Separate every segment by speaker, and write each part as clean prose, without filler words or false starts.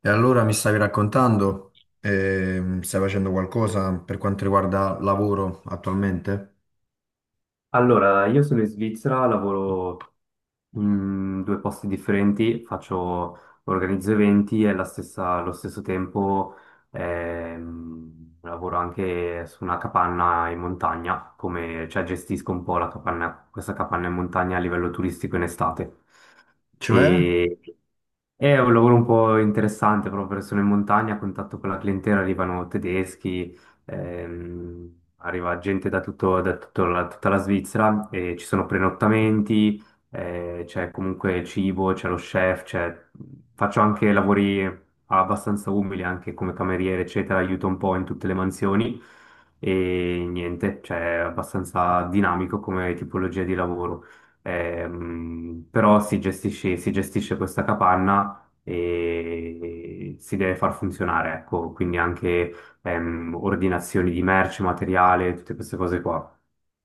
Speaker 1: E allora mi stavi raccontando, stai facendo qualcosa per quanto riguarda lavoro attualmente?
Speaker 2: Allora, io sono in Svizzera, lavoro in due posti differenti, faccio, organizzo eventi e allo stesso tempo lavoro anche su una capanna in montagna, come, cioè gestisco un po' la capanna, questa capanna in montagna a livello turistico in estate.
Speaker 1: Cioè,
Speaker 2: Mm. E è un lavoro un po' interessante proprio perché sono in montagna, a contatto con la clientela, arrivano tedeschi, ehm, arriva gente da, da tutta la Svizzera, e ci sono prenottamenti, c'è comunque cibo, c'è lo chef, c'è- faccio anche lavori abbastanza umili, anche come cameriere, eccetera, aiuto un po' in tutte le mansioni e niente, cioè è abbastanza dinamico come tipologia di lavoro. Però si gestisce questa capanna e si deve far funzionare, ecco, quindi anche ordinazioni di merce, materiale, tutte queste cose qua.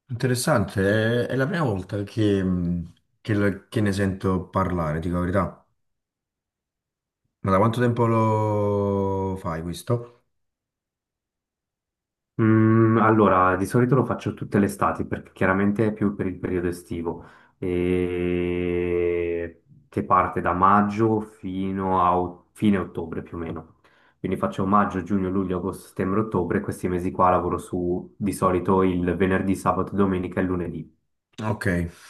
Speaker 1: interessante, è la prima volta che che ne sento parlare, dico la verità. Ma da quanto tempo lo fai questo?
Speaker 2: Mm, allora, di solito lo faccio tutte le estati perché chiaramente è più per il periodo estivo, e... che parte da maggio fino a fine ottobre più o meno. Quindi faccio maggio, giugno, luglio, agosto, settembre, ottobre, questi mesi qua lavoro su di solito il venerdì, sabato, domenica e lunedì.
Speaker 1: Ok.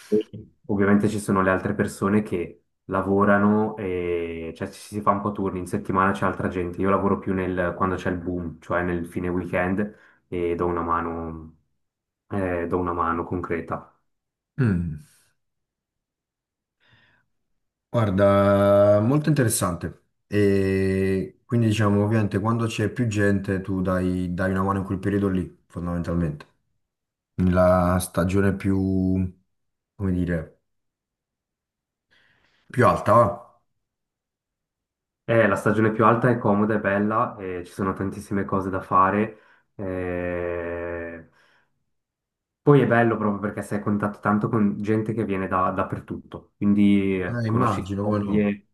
Speaker 2: E ovviamente ci sono le altre persone che lavorano e cioè, ci si fa un po' turni, in settimana c'è altra gente, io lavoro più nel, quando c'è il boom, cioè nel fine weekend e do una mano concreta.
Speaker 1: Mm. Guarda, molto interessante. E quindi diciamo, ovviamente, quando c'è più gente, tu dai una mano in quel periodo lì, fondamentalmente. Nella stagione più, come dire... più alta, va?
Speaker 2: La stagione più alta è comoda, è bella, ci sono tantissime cose da fare. Eh, poi è bello proprio perché sei a contatto tanto con gente che viene da, dappertutto, quindi conosci
Speaker 1: Immagino, come no.
Speaker 2: storie,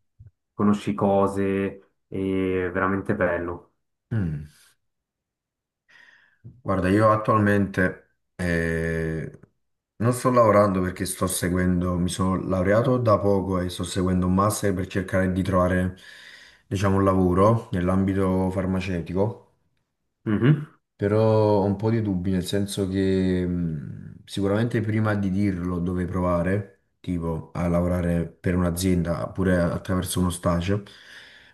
Speaker 2: conosci cose, è veramente bello.
Speaker 1: Mm. Guarda, io attualmente non sto lavorando perché sto seguendo, mi sono laureato da poco e sto seguendo un master per cercare di trovare, diciamo, un lavoro nell'ambito farmaceutico.
Speaker 2: Mhm.
Speaker 1: Però ho un po' di dubbi, nel senso che sicuramente prima di dirlo dove provare, tipo a lavorare per un'azienda oppure attraverso uno stage,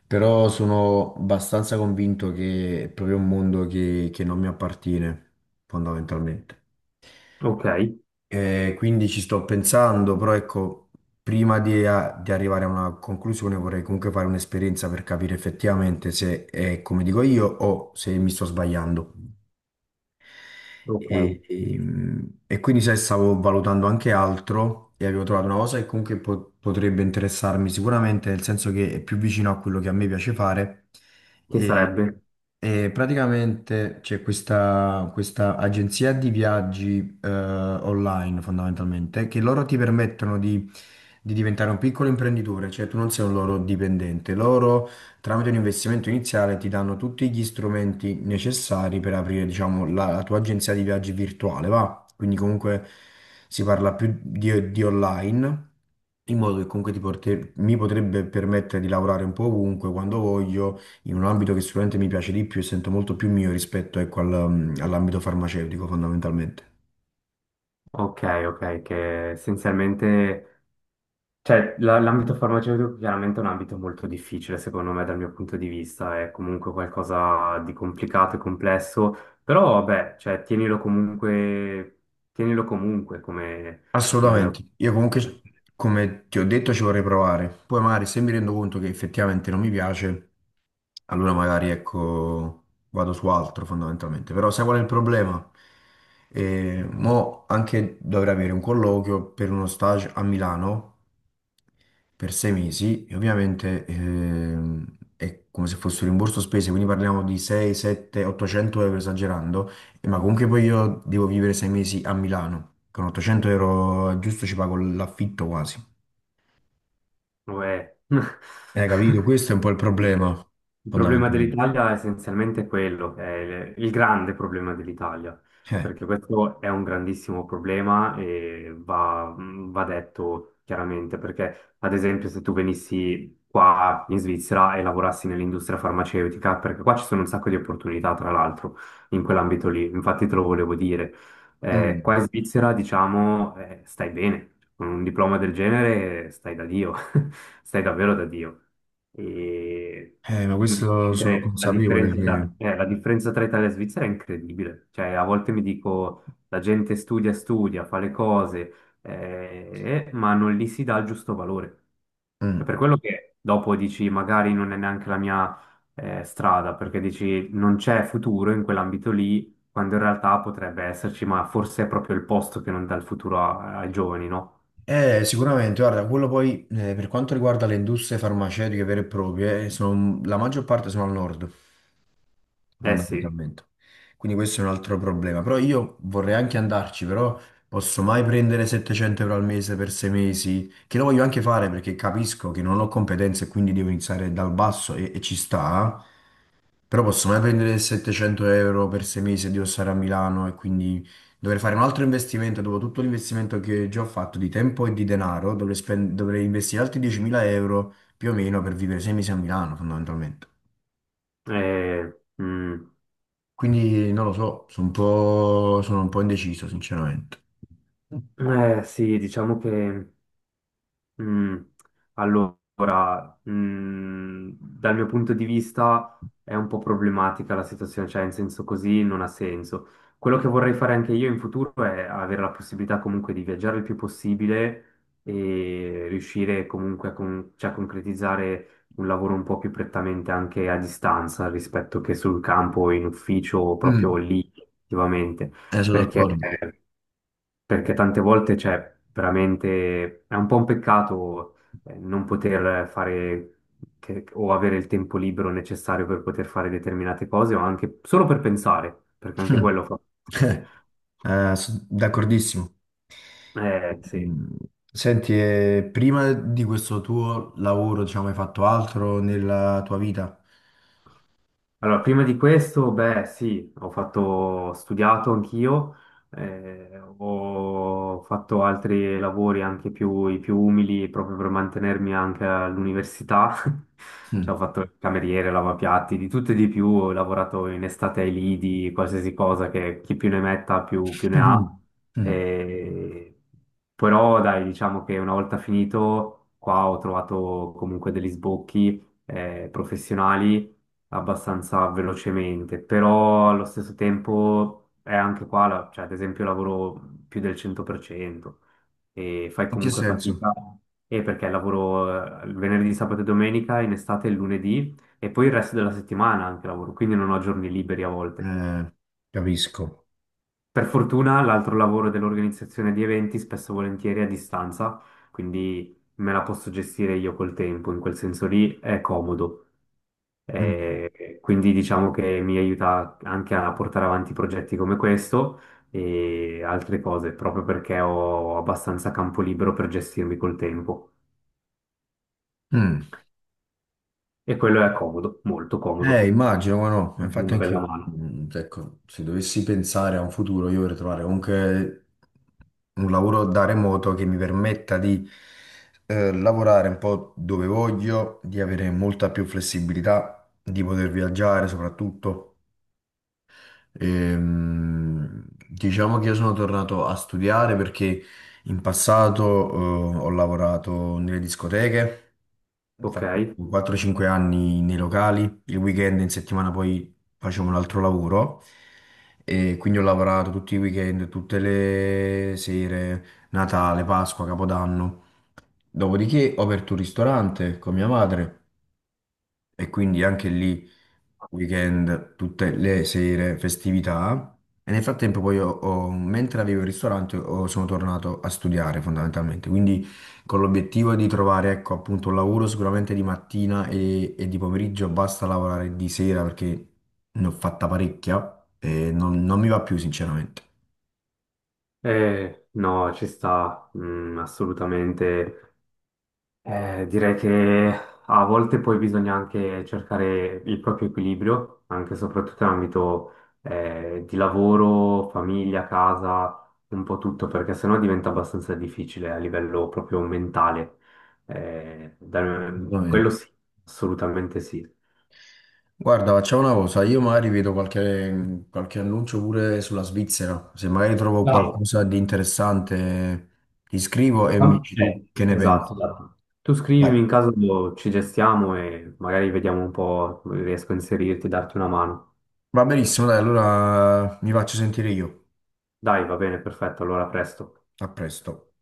Speaker 1: però sono abbastanza convinto che è proprio un mondo che non mi appartiene, fondamentalmente.
Speaker 2: Ok,
Speaker 1: E quindi ci sto pensando, però ecco, prima di, di arrivare a una conclusione vorrei comunque fare un'esperienza per capire effettivamente se è come dico io o se mi sto sbagliando.
Speaker 2: ok,
Speaker 1: E quindi sai, stavo valutando anche altro e avevo trovato una cosa che comunque potrebbe interessarmi sicuramente, nel senso che è più vicino a quello che a me piace fare.
Speaker 2: che
Speaker 1: E,
Speaker 2: sarebbe?
Speaker 1: e praticamente c'è questa, questa agenzia di viaggi online fondamentalmente, che loro ti permettono di diventare un piccolo imprenditore, cioè tu non sei un loro dipendente, loro tramite un investimento iniziale ti danno tutti gli strumenti necessari per aprire, diciamo, la, la tua agenzia di viaggi virtuale, va? Quindi comunque si parla più di online, in modo che comunque mi potrebbe permettere di lavorare un po' ovunque, quando voglio, in un ambito che sicuramente mi piace di più e sento molto più mio rispetto, ecco, all'ambito farmaceutico, fondamentalmente.
Speaker 2: Ok, ok, che essenzialmente, l'ambito farmaceutico chiaramente è un ambito molto difficile secondo me dal mio punto di vista, è comunque qualcosa di complicato e complesso, però vabbè, cioè tienilo comunque come, come...
Speaker 1: Assolutamente. Io comunque, come ti ho detto, ci vorrei provare. Poi magari se mi rendo conto che effettivamente non mi piace, allora magari ecco, vado su altro fondamentalmente, però sai qual è il problema? Mo anche dovrei avere un colloquio per uno stage a Milano per 6 mesi e ovviamente è come se fosse un rimborso spese, quindi parliamo di 6, 7, 800 euro esagerando, ma comunque poi io devo vivere 6 mesi a Milano, con 800 euro giusto ci pago l'affitto quasi.
Speaker 2: Vabbè.
Speaker 1: Capito? Questo è un po' il problema
Speaker 2: Il problema
Speaker 1: fondamentalmente.
Speaker 2: dell'Italia è essenzialmente quello, è il grande problema dell'Italia,
Speaker 1: Eh.
Speaker 2: perché questo è un grandissimo problema e va detto chiaramente, perché ad esempio se tu venissi qua in Svizzera e lavorassi nell'industria farmaceutica, perché qua ci sono un sacco di opportunità tra l'altro in quell'ambito lì, infatti te lo volevo dire, qua
Speaker 1: Mm.
Speaker 2: in Svizzera diciamo stai bene, con un diploma del genere stai da Dio. Stai davvero da Dio. E
Speaker 1: Ma
Speaker 2: mm,
Speaker 1: questo sono
Speaker 2: direi
Speaker 1: consapevole che...
Speaker 2: la differenza tra Italia e Svizzera è incredibile. Cioè, a volte mi dico, la gente studia, studia, fa le cose, ma non gli si dà il giusto valore. È
Speaker 1: Mm.
Speaker 2: per quello che dopo dici, magari non è neanche la mia, strada, perché dici, non c'è futuro in quell'ambito lì, quando in realtà potrebbe esserci, ma forse è proprio il posto che non dà il futuro ai giovani, no?
Speaker 1: Sicuramente, guarda, quello poi per quanto riguarda le industrie farmaceutiche vere e proprie, la maggior parte sono al nord,
Speaker 2: Eh sì,
Speaker 1: fondamentalmente. Quindi questo è un altro problema. Però io vorrei anche andarci, però posso mai prendere 700 euro al mese per 6 mesi, che lo voglio anche fare perché capisco che non ho competenze e quindi devo iniziare dal basso e ci sta. Però posso mai prendere 700 euro per 6 mesi e devo stare a Milano e quindi dovrei fare un altro investimento. Dopo tutto l'investimento che già ho fatto di tempo e di denaro, dovrei, dovrei investire altri 10.000 euro più o meno per vivere 6 mesi a Milano, fondamentalmente.
Speaker 2: eh, mm.
Speaker 1: Quindi non lo so, sono un po' indeciso, sinceramente.
Speaker 2: Eh sì, diciamo che mm, allora, dal mio punto di vista è un po' problematica la situazione, cioè in senso così non ha senso. Quello che vorrei fare anche io in futuro è avere la possibilità comunque di viaggiare il più possibile e riuscire comunque a, cioè, a concretizzare un lavoro un po' più prettamente anche a distanza rispetto che sul campo, in ufficio o proprio
Speaker 1: Mm,
Speaker 2: lì, attivamente,
Speaker 1: sono
Speaker 2: perché
Speaker 1: d'accordo.
Speaker 2: perché tante volte, cioè, veramente è un po' un peccato non poter fare o avere il tempo libero necessario per poter fare determinate cose o anche solo per pensare, perché anche
Speaker 1: Mm.
Speaker 2: quello fa.
Speaker 1: Sono d'accordissimo.
Speaker 2: Sì.
Speaker 1: Mm. Senti, prima di questo tuo lavoro, diciamo, hai fatto altro nella tua vita?
Speaker 2: Allora, prima di questo, beh, sì, ho fatto, ho studiato anch'io, ho fatto altri lavori anche più, i più umili proprio per mantenermi anche all'università. Cioè,
Speaker 1: Mm.
Speaker 2: ho fatto il cameriere, lavapiatti, di tutto e di più, ho lavorato in estate ai lidi, qualsiasi cosa che chi più ne metta più, più ne ha.
Speaker 1: Mhm. Mm.
Speaker 2: Eh, però, dai, diciamo che una volta finito, qua ho trovato comunque degli sbocchi, professionali abbastanza velocemente, però allo stesso tempo è anche qua, cioè ad esempio lavoro più del 100% e fai
Speaker 1: In che
Speaker 2: comunque
Speaker 1: senso?
Speaker 2: fatica, e perché lavoro il venerdì, sabato e domenica, in estate il lunedì e poi il resto della settimana anche lavoro, quindi non ho giorni liberi a volte.
Speaker 1: Eh, capisco.
Speaker 2: Per fortuna l'altro lavoro dell'organizzazione di eventi spesso e volentieri è a distanza, quindi me la posso gestire io col tempo, in quel senso lì è comodo.
Speaker 1: Mm.
Speaker 2: Quindi diciamo che mi aiuta anche a portare avanti progetti come questo e altre cose, proprio perché ho abbastanza campo libero per gestirmi col tempo.
Speaker 1: Mm.
Speaker 2: E quello è comodo, molto comodo,
Speaker 1: Immagino, ma no, ma infatti
Speaker 2: una bella
Speaker 1: anch'io,
Speaker 2: mano.
Speaker 1: mm, ecco, se dovessi pensare a un futuro, io vorrei trovare comunque un lavoro da remoto che mi permetta di lavorare un po' dove voglio, di avere molta più flessibilità, di poter viaggiare soprattutto. Diciamo che io sono tornato a studiare perché in passato, ho lavorato nelle discoteche, ho
Speaker 2: Ok?
Speaker 1: fatto 4-5 anni nei locali, il weekend in settimana poi facevo un altro lavoro e quindi ho lavorato tutti i weekend, tutte le sere, Natale, Pasqua, Capodanno. Dopodiché ho aperto un ristorante con mia madre e quindi anche lì weekend, tutte le sere, festività. E nel frattempo poi mentre avevo il ristorante sono tornato a studiare fondamentalmente, quindi con l'obiettivo di trovare ecco appunto un lavoro sicuramente di mattina e di pomeriggio, basta lavorare di sera perché ne ho fatta parecchia e non, non mi va più sinceramente.
Speaker 2: No, ci sta, mm, assolutamente. Direi che a volte poi bisogna anche cercare il proprio equilibrio, anche e soprattutto in ambito di lavoro, famiglia, casa, un po' tutto, perché sennò diventa abbastanza difficile a livello proprio mentale. Eh, da- quello sì, assolutamente sì. E-
Speaker 1: Guarda, facciamo una cosa, io magari vedo qualche, qualche annuncio pure sulla Svizzera, se magari trovo
Speaker 2: No,
Speaker 1: qualcosa di interessante ti scrivo e mi dici tu che ne pensi.
Speaker 2: esatto, esatto. Tu scrivimi
Speaker 1: Dai.
Speaker 2: in caso ci gestiamo e magari vediamo un po', riesco a inserirti, darti una mano.
Speaker 1: Va benissimo, dai, allora mi faccio sentire io.
Speaker 2: Dai, va bene, perfetto, allora a presto.
Speaker 1: A presto.